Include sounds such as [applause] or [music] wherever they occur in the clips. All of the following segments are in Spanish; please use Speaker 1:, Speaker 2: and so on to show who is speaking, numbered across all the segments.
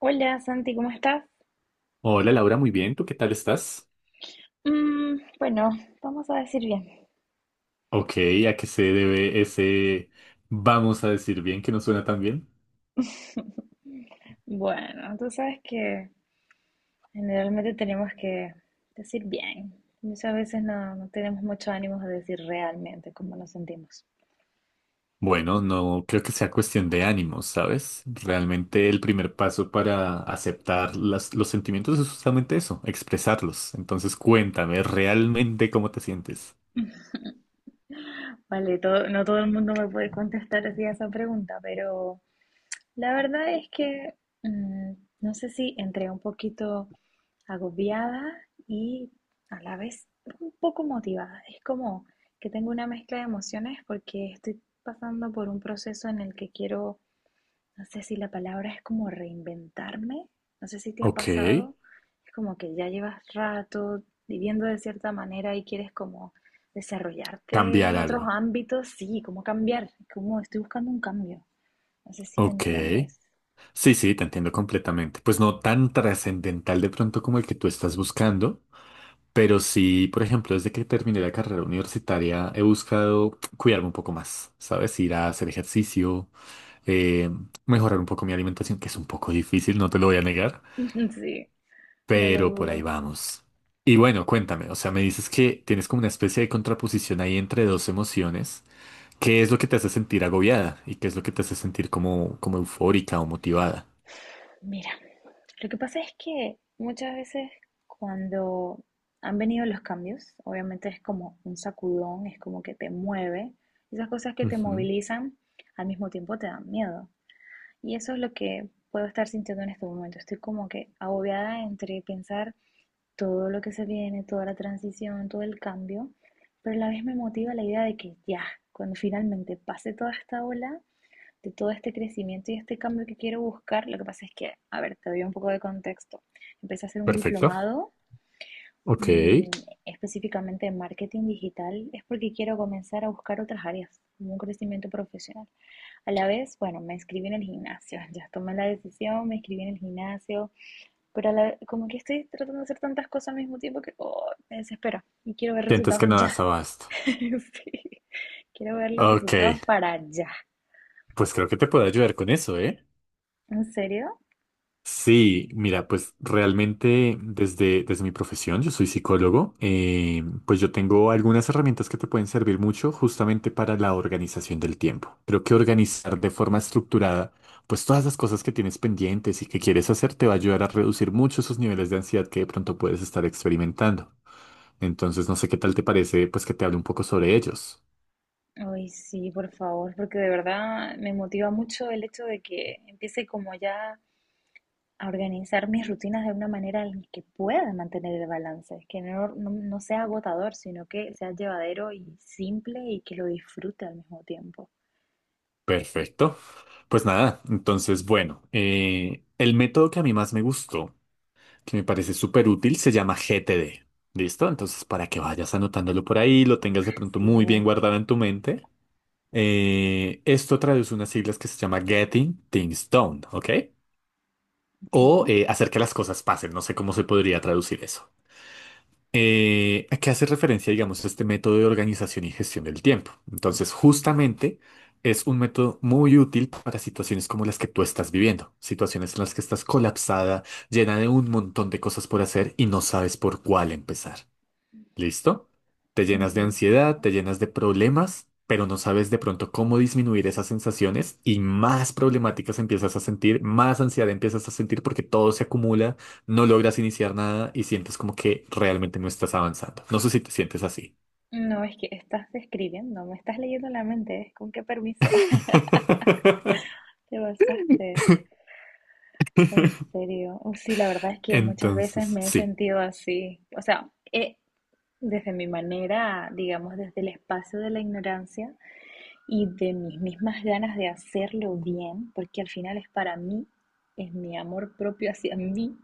Speaker 1: Hola Santi, ¿cómo estás?
Speaker 2: Hola Laura, muy bien, ¿tú qué tal estás?
Speaker 1: Bueno, vamos a decir bien.
Speaker 2: Ok, ¿a qué se debe ese vamos a decir bien que no suena tan bien?
Speaker 1: [laughs] Bueno, tú sabes que generalmente tenemos que decir bien. Muchas veces no tenemos mucho ánimo de decir realmente cómo nos sentimos.
Speaker 2: Bueno, no creo que sea cuestión de ánimos, ¿sabes? Realmente el primer paso para aceptar los sentimientos es justamente eso, expresarlos. Entonces cuéntame realmente cómo te sientes.
Speaker 1: Vale, no todo el mundo me puede contestar así a esa pregunta, pero la verdad es que mm, no sé si entré un poquito agobiada y a la vez un poco motivada. Es como que tengo una mezcla de emociones porque estoy pasando por un proceso en el que quiero, no sé si la palabra es como reinventarme, no sé si te ha
Speaker 2: Ok,
Speaker 1: pasado, es como que ya llevas rato viviendo de cierta manera y quieres como desarrollarte
Speaker 2: cambiar
Speaker 1: en otros
Speaker 2: algo.
Speaker 1: ámbitos, sí, como cambiar, como estoy buscando un cambio. No sé si me
Speaker 2: Ok.
Speaker 1: entiendes.
Speaker 2: Sí, sí, te entiendo completamente. Pues no tan trascendental de pronto como el que tú estás buscando. Pero sí, por ejemplo, desde que terminé la carrera universitaria he buscado cuidarme un poco más, ¿sabes? Ir a hacer ejercicio, eh, mejorar un poco mi alimentación, que es un poco difícil, no te lo voy a negar,
Speaker 1: [laughs] Sí, no lo
Speaker 2: pero por ahí
Speaker 1: dudo.
Speaker 2: vamos. Y bueno, cuéntame, o sea, me dices que tienes como una especie de contraposición ahí entre dos emociones. ¿Qué es lo que te hace sentir agobiada y qué es lo que te hace sentir como, como eufórica o motivada?
Speaker 1: Mira, lo que pasa es que muchas veces cuando han venido los cambios, obviamente es como un sacudón, es como que te mueve. Esas cosas que te
Speaker 2: Ujú.
Speaker 1: movilizan al mismo tiempo te dan miedo. Y eso es lo que puedo estar sintiendo en este momento. Estoy como que agobiada entre pensar todo lo que se viene, toda la transición, todo el cambio, pero a la vez me motiva la idea de que ya, cuando finalmente pase toda esta ola, de todo este crecimiento y este cambio que quiero buscar, lo que pasa es que, a ver, te doy un poco de contexto. Empecé a hacer un
Speaker 2: Perfecto.
Speaker 1: diplomado,
Speaker 2: Ok.
Speaker 1: mm, específicamente en marketing digital, es porque quiero comenzar a buscar otras áreas, como un crecimiento profesional. A la vez, bueno, me inscribí en el gimnasio, [laughs] ya tomé la decisión, me inscribí en el gimnasio, pero como que estoy tratando de hacer tantas cosas al mismo tiempo que oh, me desespero y quiero ver
Speaker 2: Sientes que
Speaker 1: resultados
Speaker 2: no
Speaker 1: ya.
Speaker 2: das abasto.
Speaker 1: [laughs] Sí, quiero ver los
Speaker 2: Ok.
Speaker 1: resultados para ya.
Speaker 2: Pues creo que te puedo ayudar con eso, ¿eh?
Speaker 1: ¿En serio?
Speaker 2: Sí, mira, pues realmente desde mi profesión, yo soy psicólogo, pues yo tengo algunas herramientas que te pueden servir mucho justamente para la organización del tiempo. Creo que organizar de forma estructurada, pues todas las cosas que tienes pendientes y que quieres hacer te va a ayudar a reducir mucho esos niveles de ansiedad que de pronto puedes estar experimentando. Entonces, no sé qué tal te parece, pues que te hable un poco sobre ellos.
Speaker 1: Ay, sí, por favor, porque de verdad me motiva mucho el hecho de que empiece como ya a organizar mis rutinas de una manera en que pueda mantener el balance, que no sea agotador, sino que sea llevadero y simple y que lo disfrute al mismo tiempo.
Speaker 2: Perfecto. Pues nada, entonces, bueno, el método que a mí más me gustó, que me parece súper útil, se llama GTD. ¿Listo? Entonces, para que vayas anotándolo por ahí, lo tengas de pronto
Speaker 1: Sí,
Speaker 2: muy bien
Speaker 1: güey,
Speaker 2: guardado en tu mente. Esto traduce unas siglas que se llama Getting Things Done, ¿ok?
Speaker 1: ok,
Speaker 2: O hacer que las cosas pasen. No sé cómo se podría traducir eso. ¿A qué hace referencia, digamos, este método de organización y gestión del tiempo? Entonces, justamente es un método muy útil para situaciones como las que tú estás viviendo, situaciones en las que estás colapsada, llena de un montón de cosas por hacer y no sabes por cuál empezar. ¿Listo? Te llenas de ansiedad,
Speaker 1: listo.
Speaker 2: te llenas de problemas, pero no sabes de pronto cómo disminuir esas sensaciones y más problemáticas empiezas a sentir, más ansiedad empiezas a sentir porque todo se acumula, no logras iniciar nada y sientes como que realmente no estás avanzando. No sé si te sientes así.
Speaker 1: No, es que estás describiendo, me estás leyendo la mente, ¿eh? ¿Con qué permiso [laughs]
Speaker 2: [laughs]
Speaker 1: te basaste? En serio, uy, sí, la verdad es que muchas veces
Speaker 2: Entonces,
Speaker 1: me he
Speaker 2: sí,
Speaker 1: sentido así, o sea, desde mi manera, digamos, desde el espacio de la ignorancia y de mis mismas ganas de hacerlo bien, porque al final es para mí, es mi amor propio hacia mí,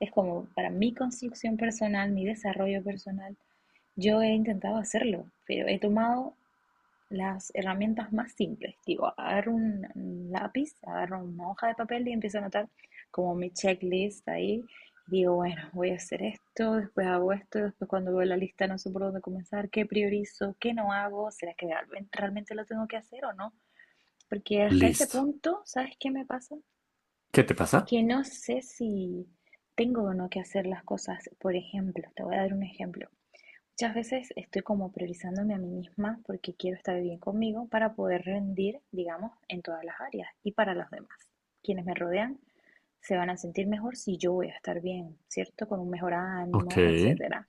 Speaker 1: es como para mi construcción personal, mi desarrollo personal, yo he intentado hacerlo, pero he tomado las herramientas más simples, digo, agarro un lápiz, agarro una hoja de papel y empiezo a anotar como mi checklist ahí. Digo, bueno, voy a hacer esto, después hago esto, después cuando veo la lista no sé por dónde comenzar, qué priorizo, qué no hago, será que realmente lo tengo que hacer o no. Porque hasta ese
Speaker 2: listo.
Speaker 1: punto, ¿sabes qué me pasa?
Speaker 2: ¿Qué te pasa?
Speaker 1: Que no sé si tengo o no que hacer las cosas. Por ejemplo, te voy a dar un ejemplo. Muchas veces estoy como priorizándome a mí misma porque quiero estar bien conmigo para poder rendir, digamos, en todas las áreas y para los demás. Quienes me rodean se van a sentir mejor si yo voy a estar bien, ¿cierto? Con un mejor
Speaker 2: Ok,
Speaker 1: ánimo, etcétera.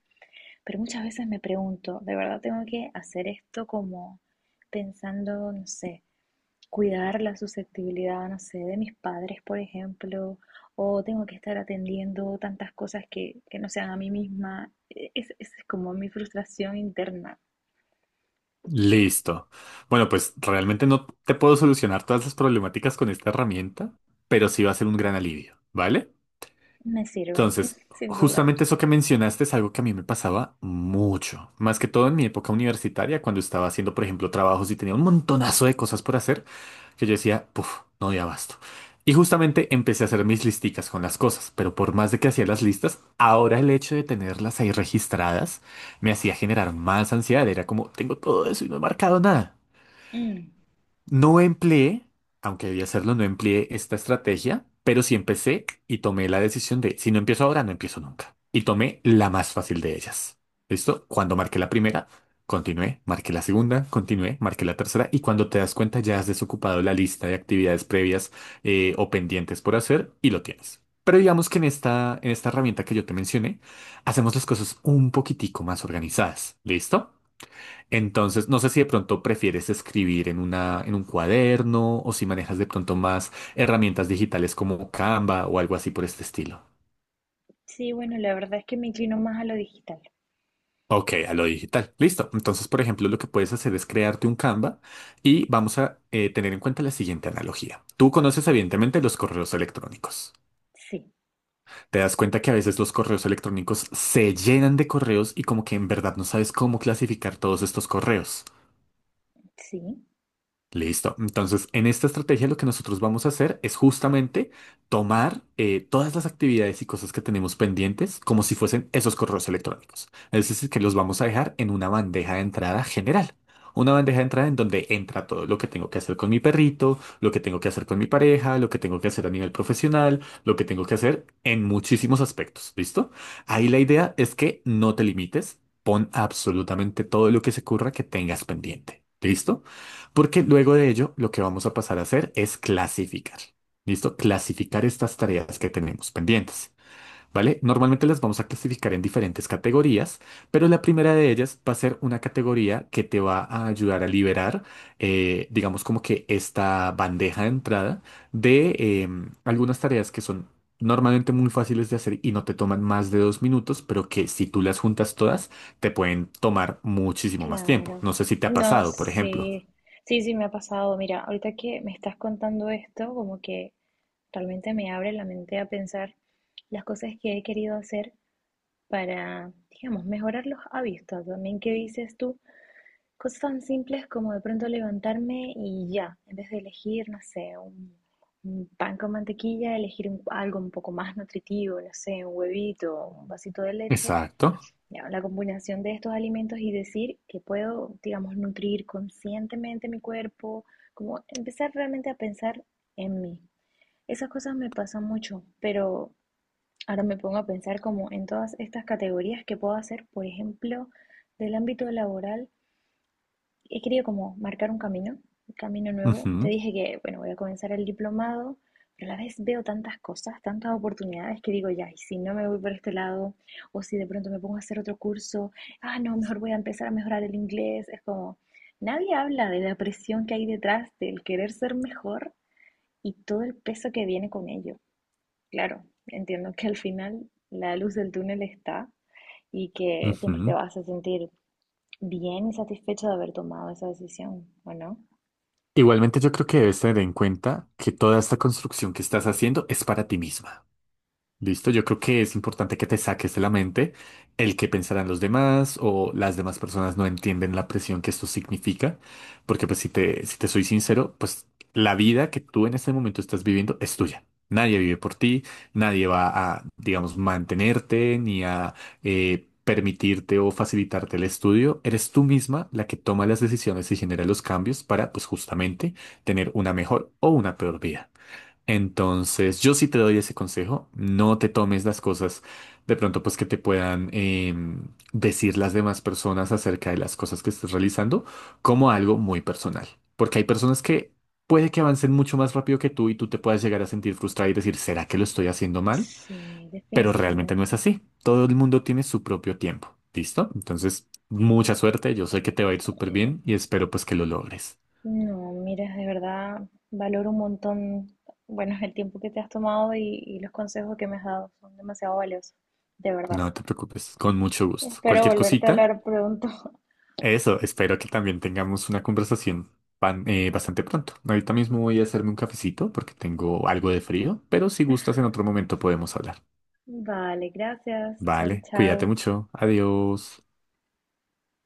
Speaker 1: Pero muchas veces me pregunto, ¿de verdad tengo que hacer esto como pensando, no sé, cuidar la susceptibilidad, no sé, de mis padres, por ejemplo, o tengo que estar atendiendo tantas cosas que no sean a mí misma. Es como mi frustración interna.
Speaker 2: listo. Bueno, pues realmente no te puedo solucionar todas las problemáticas con esta herramienta, pero sí va a ser un gran alivio, ¿vale?
Speaker 1: Me sirve, [laughs]
Speaker 2: Entonces,
Speaker 1: sin duda.
Speaker 2: justamente eso que mencionaste es algo que a mí me pasaba mucho, más que todo en mi época universitaria, cuando estaba haciendo, por ejemplo, trabajos y tenía un montonazo de cosas por hacer, que yo decía, puff, no doy abasto. Y justamente empecé a hacer mis listicas con las cosas, pero por más de que hacía las listas, ahora el hecho de tenerlas ahí registradas me hacía generar más ansiedad, era como, tengo todo eso y no he marcado nada.
Speaker 1: Mm.
Speaker 2: No empleé, aunque debía hacerlo, no empleé esta estrategia, pero sí empecé y tomé la decisión de, si no empiezo ahora, no empiezo nunca. Y tomé la más fácil de ellas. ¿Listo? Cuando marqué la primera, continué, marqué la segunda, continué, marqué la tercera y cuando te das cuenta ya has desocupado la lista de actividades previas, o pendientes por hacer y lo tienes. Pero digamos que en esta herramienta que yo te mencioné, hacemos las cosas un poquitico más organizadas. ¿Listo? Entonces, no sé si de pronto prefieres escribir en una, en un cuaderno o si manejas de pronto más herramientas digitales como Canva o algo así por este estilo.
Speaker 1: Sí, bueno, la verdad es que me inclino más a lo digital.
Speaker 2: Ok, a lo digital. Listo. Entonces, por ejemplo, lo que puedes hacer es crearte un Canva y vamos a tener en cuenta la siguiente analogía. Tú conoces evidentemente los correos electrónicos.
Speaker 1: Sí,
Speaker 2: Te das cuenta que a veces los correos electrónicos se llenan de correos y como que en verdad no sabes cómo clasificar todos estos correos.
Speaker 1: sí,
Speaker 2: Listo. Entonces, en esta estrategia lo que nosotros vamos a hacer es justamente tomar todas las actividades y cosas que tenemos pendientes como si fuesen esos correos electrónicos. Es decir, que los vamos a dejar en una bandeja de entrada general. Una bandeja de entrada en donde entra todo lo que tengo que hacer con mi perrito, lo que tengo que hacer con mi pareja, lo que tengo que hacer a nivel profesional, lo que tengo que hacer en muchísimos aspectos. ¿Listo? Ahí la idea es que no te limites, pon absolutamente todo lo que se ocurra que tengas pendiente. ¿Listo? Porque luego de ello, lo que vamos a pasar a hacer es clasificar. ¿Listo? Clasificar estas tareas que tenemos pendientes. ¿Vale? Normalmente las vamos a clasificar en diferentes categorías, pero la primera de ellas va a ser una categoría que te va a ayudar a liberar, digamos como que esta bandeja de entrada de algunas tareas que son normalmente muy fáciles de hacer y no te toman más de dos minutos, pero que si tú las juntas todas, te pueden tomar muchísimo más tiempo.
Speaker 1: claro.
Speaker 2: No sé si te ha
Speaker 1: No,
Speaker 2: pasado, por ejemplo.
Speaker 1: sí, sí, sí, me ha pasado. Mira, ahorita que me estás contando esto, como que realmente me abre la mente a pensar las cosas que he querido hacer para, digamos, mejorar los hábitos también que dices tú, cosas tan simples como de pronto levantarme y ya, en vez de elegir, no sé, un pan con mantequilla, algo un poco más nutritivo, no sé, un huevito, un vasito de leche,
Speaker 2: Exacto.
Speaker 1: ya, la combinación de estos alimentos y decir que puedo, digamos, nutrir conscientemente mi cuerpo, como empezar realmente a pensar en mí. Esas cosas me pasan mucho, pero ahora me pongo a pensar como en todas estas categorías que puedo hacer, por ejemplo, del ámbito laboral, he querido como marcar un camino nuevo. Te
Speaker 2: Ujú,
Speaker 1: dije que, bueno, voy a comenzar el diplomado, pero a la vez veo tantas cosas, tantas oportunidades que digo, ya, y si no me voy por este lado, o si de pronto me pongo a hacer otro curso, ah, no, mejor voy a empezar a mejorar el inglés. Es como, nadie habla de la presión que hay detrás del querer ser mejor y todo el peso que viene con ello. Claro, entiendo que al final la luz del túnel está y que siempre te
Speaker 2: ujú.
Speaker 1: vas a sentir bien y satisfecho de haber tomado esa decisión, ¿o no?
Speaker 2: Igualmente yo creo que debes tener en cuenta que toda esta construcción que estás haciendo es para ti misma. Listo, yo creo que es importante que te saques de la mente el que pensarán los demás o las demás personas no entienden la presión que esto significa, porque pues si te soy sincero, pues la vida que tú en este momento estás viviendo es tuya. Nadie vive por ti, nadie va a, digamos, mantenerte ni a permitirte o facilitarte el estudio. Eres tú misma la que toma las decisiones y genera los cambios para, pues justamente, tener una mejor o una peor vida. Entonces, yo sí te doy ese consejo, no te tomes las cosas de pronto pues que te puedan decir las demás personas acerca de las cosas que estés realizando como algo muy personal, porque hay personas que puede que avancen mucho más rápido que tú y tú te puedas llegar a sentir frustrada y decir, ¿será que lo estoy haciendo mal?
Speaker 1: Sí,
Speaker 2: Pero realmente no es
Speaker 1: definitivamente.
Speaker 2: así, todo el mundo tiene su propio tiempo, ¿listo? Entonces, mucha suerte, yo sé que te va a ir súper
Speaker 1: Eh,
Speaker 2: bien y espero pues que lo logres.
Speaker 1: No, mira, de verdad valoro un montón, bueno, el tiempo que te has tomado y los consejos que me has dado son demasiado valiosos, de verdad.
Speaker 2: No te preocupes, con mucho gusto.
Speaker 1: Espero
Speaker 2: Cualquier
Speaker 1: volverte a
Speaker 2: cosita.
Speaker 1: hablar pronto. [laughs]
Speaker 2: Eso, espero que también tengamos una conversación bastante pronto. Ahorita mismo voy a hacerme un cafecito porque tengo algo de frío, pero si gustas en otro momento podemos hablar.
Speaker 1: Vale, gracias. Chao,
Speaker 2: Vale, cuídate
Speaker 1: chao.
Speaker 2: mucho. Adiós.